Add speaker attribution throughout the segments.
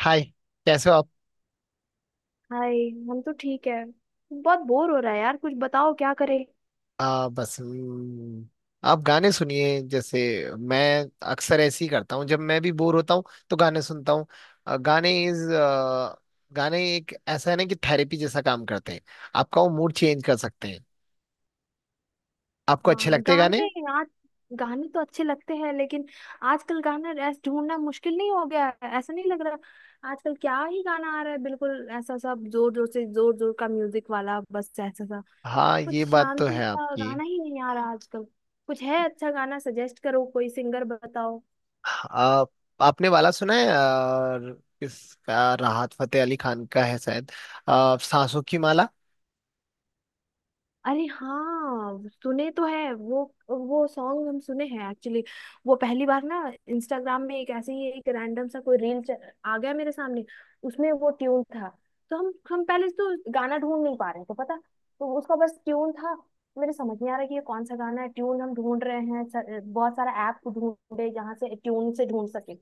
Speaker 1: हाय। कैसे हो आप।
Speaker 2: हाय। हम तो ठीक है। बहुत बोर हो रहा है यार, कुछ बताओ क्या करें।
Speaker 1: बस आप गाने सुनिए। जैसे मैं अक्सर ऐसे ही करता हूँ जब मैं भी बोर होता हूँ तो गाने सुनता हूँ। अ, गाने इज गाने एक ऐसा है ना कि थेरेपी जैसा काम करते हैं। आपका वो मूड चेंज कर सकते हैं। आपको अच्छे
Speaker 2: हाँ
Speaker 1: लगते हैं
Speaker 2: गाने
Speaker 1: गाने?
Speaker 2: आज गाने तो अच्छे लगते हैं लेकिन आजकल गाना ऐसा ढूंढना मुश्किल नहीं हो गया है? ऐसा नहीं लग रहा आजकल क्या ही गाना आ रहा है। बिल्कुल ऐसा सब जोर जोर से, जोर जोर का म्यूजिक वाला, बस ऐसा सा।
Speaker 1: हाँ
Speaker 2: कुछ
Speaker 1: ये बात तो
Speaker 2: शांति
Speaker 1: है
Speaker 2: सा
Speaker 1: आपकी।
Speaker 2: गाना ही नहीं आ रहा आजकल। कुछ है अच्छा गाना सजेस्ट करो, कोई सिंगर बताओ।
Speaker 1: आ, आपने वाला सुना है? इसका राहत फतेह अली खान का है शायद, सांसों की माला।
Speaker 2: अरे हाँ, सुने तो है वो। वो सॉन्ग हम सुने हैं एक्चुअली। वो पहली बार ना इंस्टाग्राम में एक ऐसे ही एक रैंडम सा कोई रील आ गया मेरे सामने। उसमें वो ट्यून था तो हम पहले तो गाना ढूंढ नहीं पा रहे थे पता। तो उसका बस ट्यून था। मेरे समझ नहीं आ रहा कि ये कौन सा गाना है, ट्यून हम ढूंढ रहे हैं सर, बहुत सारा ऐप ढूंढे जहाँ से ट्यून से ढूंढ सके।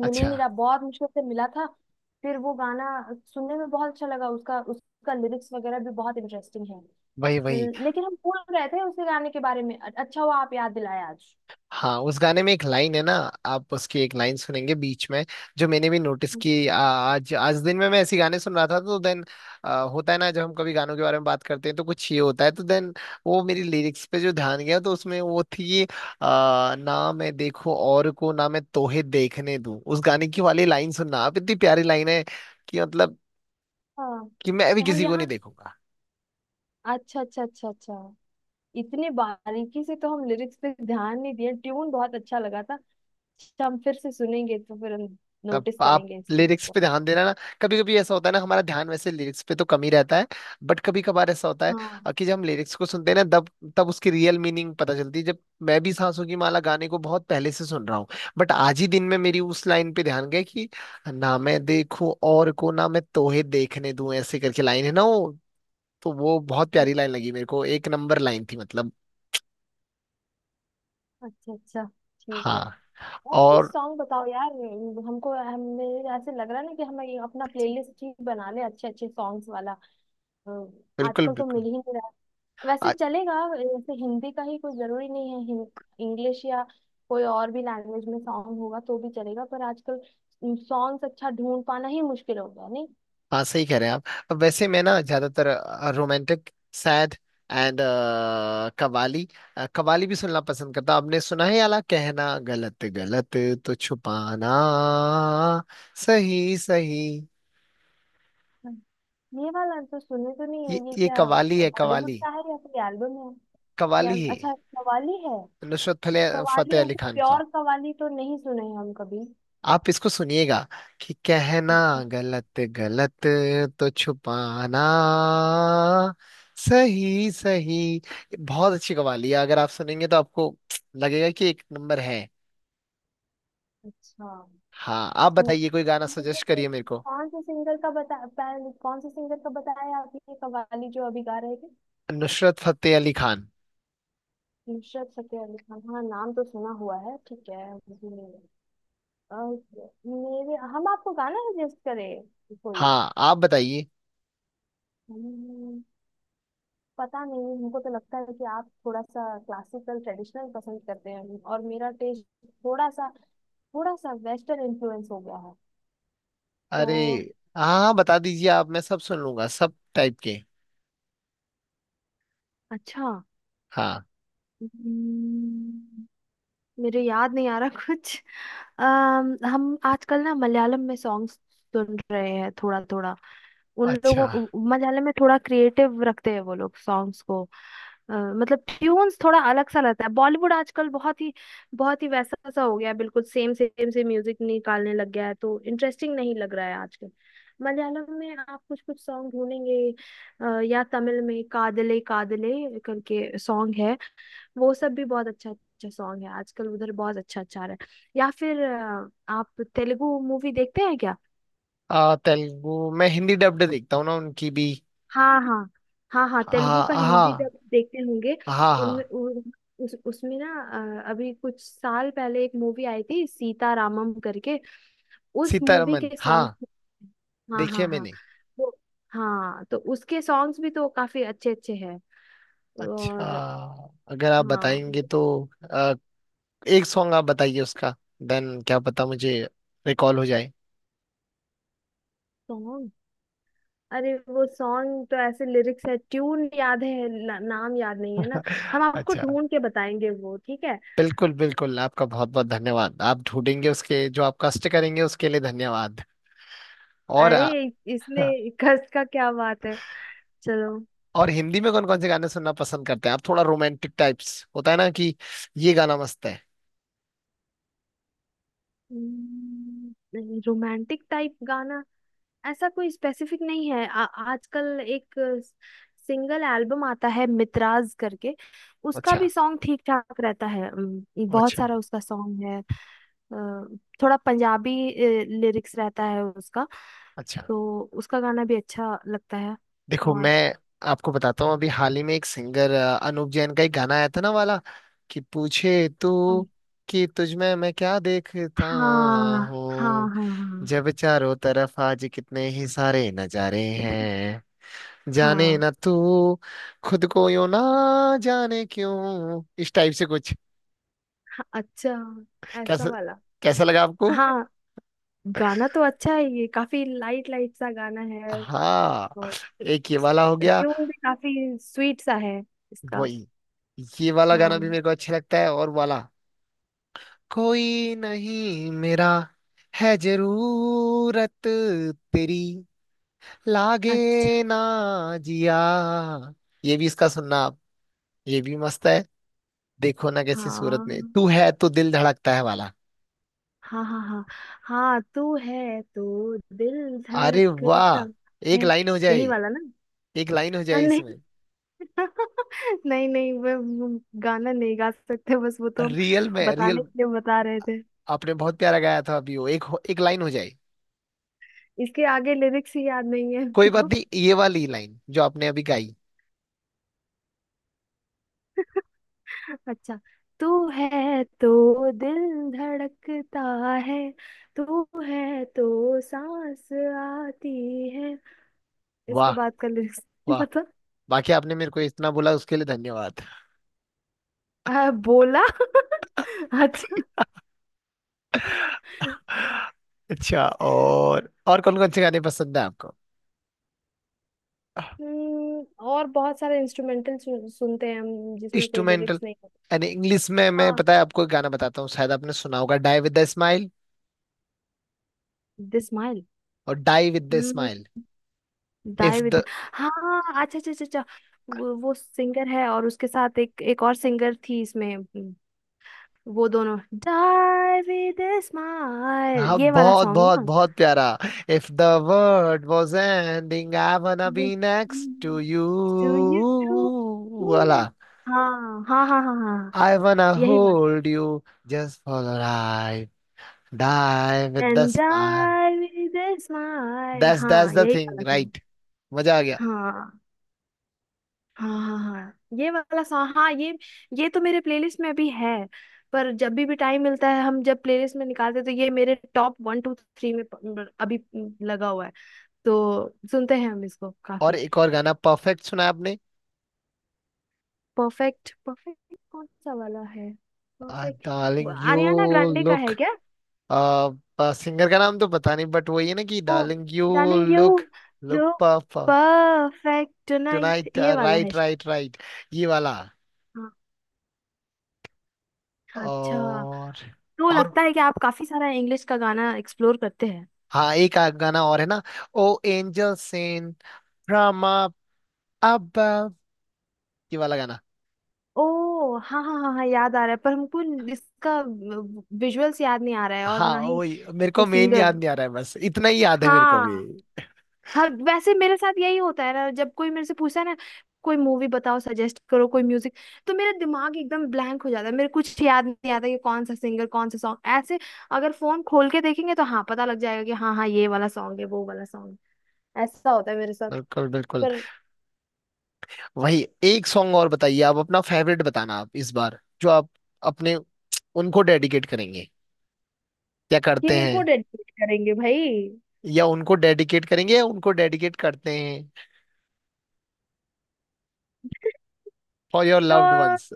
Speaker 2: मिल ही
Speaker 1: अच्छा।
Speaker 2: नहीं रहा, बहुत मुश्किल से मिला था। फिर वो गाना सुनने में बहुत अच्छा लगा, उसका उसका लिरिक्स वगैरह भी बहुत इंटरेस्टिंग है।
Speaker 1: वही वही।
Speaker 2: लेकिन हम भूल रहे थे उसके गाने के बारे में, अच्छा हुआ आप याद दिलाए आज।
Speaker 1: हाँ उस गाने में एक लाइन है ना। आप उसकी एक लाइन सुनेंगे बीच में, जो मैंने भी नोटिस की। आज आज दिन में मैं ऐसी गाने सुन रहा था तो देन, होता है ना जब हम कभी गानों के बारे में बात करते हैं तो कुछ ये होता है, तो देन वो मेरी लिरिक्स पे जो ध्यान गया तो उसमें वो थी। ना मैं देखो और को, ना मैं तोहे देखने दूं। उस गाने की वाली लाइन सुनना आप, इतनी प्यारी लाइन है। कि मतलब
Speaker 2: हाँ।
Speaker 1: कि मैं भी
Speaker 2: हम
Speaker 1: किसी को
Speaker 2: यहाँ।
Speaker 1: नहीं देखूंगा।
Speaker 2: अच्छा अच्छा अच्छा अच्छा। इतने बारीकी से तो हम लिरिक्स पे ध्यान नहीं दिए, ट्यून बहुत अच्छा लगा था। अच्छा, हम फिर से सुनेंगे तो फिर हम
Speaker 1: अब
Speaker 2: नोटिस
Speaker 1: आप
Speaker 2: करेंगे इस चीज
Speaker 1: लिरिक्स
Speaker 2: को।
Speaker 1: पे ध्यान देना ना। कभी कभी ऐसा होता है ना, हमारा ध्यान वैसे लिरिक्स पे तो कम ही रहता है, बट कभी कभार ऐसा होता है।
Speaker 2: हाँ,
Speaker 1: कि जब हम लिरिक्स को सुनते हैं ना तब तब उसकी रियल मीनिंग पता चलती है। जब मैं भी सांसों की माला गाने को बहुत पहले से सुन रहा हूँ, बट आज ही दिन में मेरी उस लाइन पे ध्यान गया कि ना मैं देखूं और को, ना मैं तोहे देखने दूं, ऐसे करके लाइन है ना वो। तो वो बहुत
Speaker 2: अच्छा
Speaker 1: प्यारी लाइन लगी मेरे को, एक नंबर लाइन थी मतलब।
Speaker 2: अच्छा अच्छा, ठीक है।
Speaker 1: हाँ।
Speaker 2: और कुछ
Speaker 1: और।
Speaker 2: सॉन्ग बताओ यार। हमको हमें ऐसे लग रहा है ना कि हमें ये अपना प्लेलिस्ट ही बना ले अच्छे अच्छे सॉन्ग्स वाला। अ,
Speaker 1: बिल्कुल
Speaker 2: आजकल तो मिल
Speaker 1: बिल्कुल।
Speaker 2: ही नहीं। वैसे चलेगा, जैसे हिंदी का ही कोई जरूरी नहीं है। इंग्लिश या कोई और भी लैंग्वेज में सॉन्ग होगा तो भी चलेगा, पर आजकल सॉन्ग्स अच्छा ढूंढ पाना ही मुश्किल हो गया, नहीं?
Speaker 1: हाँ सही कह रहे हैं आप। अब वैसे मैं ना ज्यादातर romantic, sad, and qawwali qawwali भी सुनना पसंद करता हूं। आपने सुना है याला, कहना गलत गलत, तो छुपाना सही सही।
Speaker 2: ये वाला तो सुने तो नहीं
Speaker 1: ये
Speaker 2: है, ये
Speaker 1: ये
Speaker 2: क्या
Speaker 1: कवाली है,
Speaker 2: बॉलीवुड
Speaker 1: कवाली।
Speaker 2: का है या कोई एल्बम है? या
Speaker 1: कवाली है,
Speaker 2: अच्छा, कवाली है?
Speaker 1: नुसरत
Speaker 2: कवाली
Speaker 1: फतेह अली
Speaker 2: ऐसे
Speaker 1: खान की।
Speaker 2: प्योर कवाली तो नहीं सुने हैं हम कभी।
Speaker 1: आप इसको सुनिएगा, कि कहना
Speaker 2: अच्छा
Speaker 1: गलत गलत, तो छुपाना सही सही। बहुत अच्छी कवाली है, अगर आप सुनेंगे तो आपको लगेगा कि एक नंबर है।
Speaker 2: अच्छा।
Speaker 1: हाँ आप
Speaker 2: ठीक।
Speaker 1: बताइए, कोई गाना सजेस्ट
Speaker 2: मुझे
Speaker 1: करिए मेरे को।
Speaker 2: कौन से सिंगर का बता कौन से सिंगर का बताया आपने ये कवाली जो अभी गा रहे थे?
Speaker 1: नुसरत फतेह अली खान।
Speaker 2: नुसरत फतेह अली खान, हाँ नाम तो सुना हुआ है। ठीक है। अ, मेरे हम आपको गाना सजेस्ट करें कोई?
Speaker 1: हाँ आप बताइए।
Speaker 2: हम्म, पता नहीं। हमको तो लगता है कि आप थोड़ा सा क्लासिकल ट्रेडिशनल पसंद करते हैं और मेरा टेस्ट थोड़ा सा थोड़ा सा वेस्टर्न इन्फ्लुएंस हो गया है।
Speaker 1: अरे।
Speaker 2: तो
Speaker 1: हाँ हाँ, बता दीजिए आप, मैं सब सुन लूंगा सब टाइप के।
Speaker 2: अच्छा।
Speaker 1: हाँ।
Speaker 2: हम्म, मेरे याद नहीं आ रहा कुछ। हम आजकल ना मलयालम में सॉन्ग सुन रहे हैं थोड़ा थोड़ा। उन
Speaker 1: अच्छा।
Speaker 2: लोगों मलयालम में थोड़ा क्रिएटिव रखते हैं वो लोग सॉन्ग्स को। मतलब ट्यून्स थोड़ा अलग सा रहता है, बॉलीवुड आजकल बहुत ही वैसा सा हो गया है, बिल्कुल सेम सेम से म्यूजिक निकालने लग गया है तो इंटरेस्टिंग नहीं लग रहा है आजकल। मलयालम में आप कुछ कुछ सॉन्ग ढूंढेंगे, या तमिल में कादले कादले करके सॉन्ग है, वो सब भी बहुत अच्छा अच्छा सॉन्ग है, आजकल उधर बहुत अच्छा अच्छा आ रहा है। या फिर आप तेलुगु मूवी देखते हैं क्या?
Speaker 1: तेलुगु मैं हिंदी डब्ड देखता हूँ ना उनकी भी।
Speaker 2: हाँ हाँ हाँ हाँ, तेलुगु
Speaker 1: हाँ
Speaker 2: का हिंदी
Speaker 1: हाँ।
Speaker 2: जब देखते होंगे।
Speaker 1: हाँ
Speaker 2: उनमें
Speaker 1: हाँ।
Speaker 2: उसमें ना अभी कुछ साल पहले एक मूवी आई थी सीता रामम करके, उस मूवी
Speaker 1: सीतारमन,
Speaker 2: के सॉन्ग।
Speaker 1: हाँ।
Speaker 2: हाँ
Speaker 1: देखिए
Speaker 2: हाँ हाँ
Speaker 1: मैंने।
Speaker 2: वो। हाँ तो उसके सॉन्ग्स भी तो काफी अच्छे अच्छे हैं,
Speaker 1: अच्छा।
Speaker 2: और
Speaker 1: अगर आप
Speaker 2: हाँ।
Speaker 1: बताएंगे तो अ, एक सॉन्ग आप बताइए उसका, देन क्या पता मुझे रिकॉल हो जाए।
Speaker 2: अरे वो सॉन्ग तो ऐसे लिरिक्स है ट्यून याद है ना, नाम याद नहीं है ना। हम आपको
Speaker 1: अच्छा।
Speaker 2: ढूंढ के बताएंगे वो, ठीक है?
Speaker 1: बिल्कुल बिल्कुल, आपका बहुत बहुत धन्यवाद। आप ढूंढेंगे, उसके जो आप कष्ट करेंगे उसके लिए धन्यवाद। और
Speaker 2: अरे इसमें कस का क्या बात है, चलो।
Speaker 1: और हिंदी में कौन कौन से गाने सुनना पसंद करते हैं आप? थोड़ा रोमांटिक टाइप्स होता है ना, कि ये गाना मस्त है।
Speaker 2: रोमांटिक टाइप गाना ऐसा कोई स्पेसिफिक नहीं है। आजकल एक सिंगल एल्बम आता है मितराज करके, उसका
Speaker 1: अच्छा
Speaker 2: भी सॉन्ग ठीक ठाक रहता है। बहुत
Speaker 1: अच्छा
Speaker 2: सारा उसका सॉन्ग है। अ, थोड़ा पंजाबी लिरिक्स रहता है उसका,
Speaker 1: अच्छा।
Speaker 2: तो उसका गाना भी अच्छा लगता है।
Speaker 1: देखो
Speaker 2: और
Speaker 1: मैं आपको बताता हूँ, अभी हाल ही में एक सिंगर अनूप जैन का एक गाना आया था ना वाला, कि पूछे तू
Speaker 2: कौन-
Speaker 1: कि तुझ में मैं क्या देखता
Speaker 2: हाँ हाँ हाँ
Speaker 1: हूँ,
Speaker 2: हाँ
Speaker 1: जब चारों तरफ आज कितने ही सारे नजारे हैं, जाने
Speaker 2: हाँ
Speaker 1: ना तू खुद को यूं, ना जाने क्यों, इस टाइप से कुछ।
Speaker 2: हाँ, अच्छा ऐसा
Speaker 1: कैसा
Speaker 2: वाला।
Speaker 1: कैसा लगा आपको?
Speaker 2: हाँ गाना तो अच्छा है, ये काफी लाइट लाइट सा गाना है।
Speaker 1: हाँ
Speaker 2: और
Speaker 1: एक ये वाला हो गया।
Speaker 2: ट्यून भी काफी स्वीट सा है इसका।
Speaker 1: वही। ये वाला गाना भी
Speaker 2: हाँ
Speaker 1: मेरे को अच्छा लगता है, और वाला, कोई नहीं मेरा, है जरूरत तेरी, लागे
Speaker 2: अच्छा।
Speaker 1: ना जिया, ये भी इसका सुनना आप। ये भी मस्त है। देखो ना, कैसी सूरत में
Speaker 2: हाँ
Speaker 1: तू है तो दिल धड़कता है वाला।
Speaker 2: हाँ हाँ हाँ, हाँ तू है तो दिल
Speaker 1: अरे
Speaker 2: धड़कता
Speaker 1: वाह। एक
Speaker 2: है,
Speaker 1: लाइन हो
Speaker 2: यही
Speaker 1: जाए।
Speaker 2: वाला ना?
Speaker 1: एक लाइन हो जाए
Speaker 2: नहीं।
Speaker 1: इसमें।
Speaker 2: नहीं नहीं वो वो गाना नहीं गा सकते, बस वो तो हम
Speaker 1: रियल में, रियल।
Speaker 2: बताने के लिए बता रहे थे।
Speaker 1: आपने बहुत प्यारा गाया था अभी वो, एक एक लाइन हो जाए।
Speaker 2: इसके आगे लिरिक्स ही याद नहीं है
Speaker 1: कोई बात
Speaker 2: हमको।
Speaker 1: नहीं, ये वाली लाइन जो आपने अभी गाई।
Speaker 2: अच्छा, तू है तो दिल धड़कता है, तू है तो सांस आती है, इसके
Speaker 1: वाह
Speaker 2: बाद का लिरिक्स नहीं
Speaker 1: वाह।
Speaker 2: पता।
Speaker 1: बाकी आपने मेरे को इतना बोला उसके लिए धन्यवाद।
Speaker 2: बोला। अच्छा।
Speaker 1: अच्छा, और कौन कौन से गाने पसंद है आपको?
Speaker 2: और बहुत सारे इंस्ट्रूमेंटल सुनते हैं हम जिसमें कोई
Speaker 1: इंस्ट्रूमेंटल?
Speaker 2: लिरिक्स नहीं होते।
Speaker 1: यानी इंग्लिश में। मैं,
Speaker 2: हाँ
Speaker 1: पता है, आपको एक गाना बताता हूँ, शायद आपने सुना होगा, die with the smile.
Speaker 2: The smile.
Speaker 1: और die with the
Speaker 2: hmm
Speaker 1: smile.
Speaker 2: Die
Speaker 1: if
Speaker 2: with.
Speaker 1: The.
Speaker 2: हाँ अच्छा अच्छा अच्छा अच्छा। वो सिंगर है और उसके साथ एक एक और सिंगर थी इसमें। वो दोनों डाई विद स्माइल,
Speaker 1: हाँ
Speaker 2: ये वाला
Speaker 1: बहुत
Speaker 2: सॉन्ग
Speaker 1: बहुत
Speaker 2: ना।
Speaker 1: बहुत प्यारा। If the world was ending, I wanna be next to you
Speaker 2: to you.
Speaker 1: वाला।
Speaker 2: हाँ हाँ हाँ हाँ हाँ हाँ,
Speaker 1: आई wanna
Speaker 2: यही वाला।
Speaker 1: Hold you, just for a ride, die with the
Speaker 2: and
Speaker 1: smile.
Speaker 2: Die with smile,
Speaker 1: that's that's
Speaker 2: हाँ
Speaker 1: द
Speaker 2: यही
Speaker 1: थिंग,
Speaker 2: वाला।
Speaker 1: राइट? मजा आ गया।
Speaker 2: हाँ हाँ हाँ हाँ ये वाला सॉन्ग, हाँ ये तो मेरे प्लेलिस्ट में भी है। पर जब भी टाइम मिलता है हम जब प्लेलिस्ट में निकालते हैं तो ये मेरे टॉप 1 to 3 में अभी लगा हुआ है, तो सुनते हैं हम इसको
Speaker 1: और
Speaker 2: काफी।
Speaker 1: एक और गाना, परफेक्ट सुना आपने?
Speaker 2: परफेक्ट? परफेक्ट कौन सा वाला है? Perfect
Speaker 1: darling you
Speaker 2: Ariana Grande का है
Speaker 1: लुक।
Speaker 2: क्या?
Speaker 1: सिंगर का नाम तो पता नहीं, बट वही है ना, कि
Speaker 2: oh,
Speaker 1: darling you
Speaker 2: darling you
Speaker 1: look, look
Speaker 2: low,
Speaker 1: पापा।
Speaker 2: परफेक्ट टुनाइट,
Speaker 1: टुनाइट,
Speaker 2: ये वाला है
Speaker 1: राइट
Speaker 2: शायद।
Speaker 1: राइट राइट, ये वाला।
Speaker 2: हाँ, हाँ, अच्छा।
Speaker 1: और।
Speaker 2: तो
Speaker 1: और
Speaker 2: लगता है कि आप काफी सारा इंग्लिश का गाना एक्सप्लोर करते हैं।
Speaker 1: हाँ, एक गाना और है ना, oh angel sent from above, ये वाला गाना।
Speaker 2: ओ हाँ हाँ हाँ हाँ याद आ रहा है पर हमको इसका विजुअल्स याद नहीं आ रहा है, और
Speaker 1: हाँ
Speaker 2: ना ही
Speaker 1: वही मेरे को मेन
Speaker 2: सिंगर।
Speaker 1: याद नहीं आ रहा है, बस इतना ही याद है मेरे को भी।
Speaker 2: हाँ। हाँ वैसे मेरे साथ यही होता है ना, जब कोई मेरे से पूछता है ना कोई मूवी बताओ सजेस्ट करो कोई म्यूजिक, तो मेरा दिमाग एकदम ब्लैंक हो जाता है, मेरे कुछ याद नहीं आता कि कौन सा सिंगर कौन सा सॉन्ग, ऐसे। अगर फोन खोल के देखेंगे तो हाँ पता लग जाएगा कि हाँ हाँ ये वाला सॉन्ग है वो वाला सॉन्ग, ऐसा होता है मेरे साथ।
Speaker 1: बिल्कुल बिल्कुल।
Speaker 2: पर
Speaker 1: वही, एक सॉन्ग और बताइए आप, अपना फेवरेट बताना आप इस बार, जो आप अपने उनको डेडिकेट करेंगे या करते
Speaker 2: किनको
Speaker 1: हैं,
Speaker 2: डेडिकेट करेंगे भाई?
Speaker 1: या उनको डेडिकेट करेंगे, या उनको डेडिकेट करते हैं, फॉर योर
Speaker 2: तो
Speaker 1: लव्ड वंस।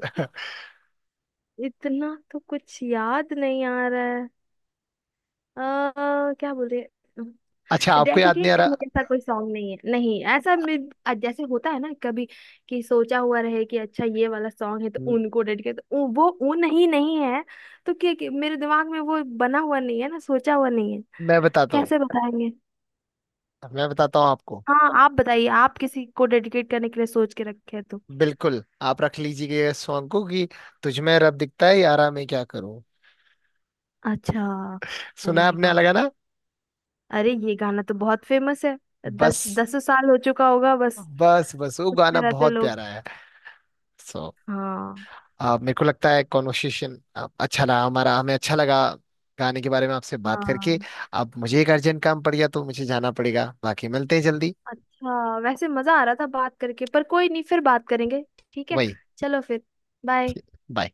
Speaker 2: इतना तो कुछ याद नहीं आ रहा है। क्या बोले?
Speaker 1: अच्छा, आपको याद
Speaker 2: डेडिकेट
Speaker 1: नहीं आ
Speaker 2: करने
Speaker 1: रहा।
Speaker 2: जैसा कोई सॉन्ग नहीं है, नहीं ऐसा जैसे होता है ना कभी कि सोचा हुआ रहे कि अच्छा ये वाला सॉन्ग है तो
Speaker 1: म-
Speaker 2: उनको डेडिकेट, तो वो उन ही नहीं है। तो क्या क्या- मेरे दिमाग में वो बना हुआ नहीं है ना, सोचा हुआ नहीं है।
Speaker 1: मैं बताता हूँ।
Speaker 2: कैसे बताएंगे?
Speaker 1: मैं बताता हूँ आपको।
Speaker 2: हाँ आप बताइए, आप किसी को डेडिकेट करने के लिए सोच के रखे हैं तो।
Speaker 1: बिल्कुल, आप रख लीजिएगा इस सॉन्ग को, कि तुझ में रब दिखता है यारा, मैं क्या करूँ।
Speaker 2: अच्छा। ओ
Speaker 1: सुना है
Speaker 2: माय
Speaker 1: आपने?
Speaker 2: गॉड,
Speaker 1: अलग ना।
Speaker 2: अरे ये गाना तो बहुत फेमस है, दस
Speaker 1: बस
Speaker 2: दस साल हो चुका होगा। बस
Speaker 1: बस बस, वो
Speaker 2: में
Speaker 1: गाना
Speaker 2: रहते
Speaker 1: बहुत
Speaker 2: लोग।
Speaker 1: प्यारा है। सो
Speaker 2: हाँ।
Speaker 1: मेरे को लगता है कॉन्वर्सेशन अच्छा रहा हमारा, हमें अच्छा लगा गाने के बारे में आपसे बात करके।
Speaker 2: हाँ
Speaker 1: अब मुझे एक अर्जेंट काम पड़ गया तो मुझे जाना पड़ेगा, बाकी मिलते हैं जल्दी।
Speaker 2: अच्छा, वैसे मजा आ रहा था बात करके पर कोई नहीं, फिर बात करेंगे। ठीक है।
Speaker 1: वही,
Speaker 2: चलो फिर। बाय।
Speaker 1: बाय।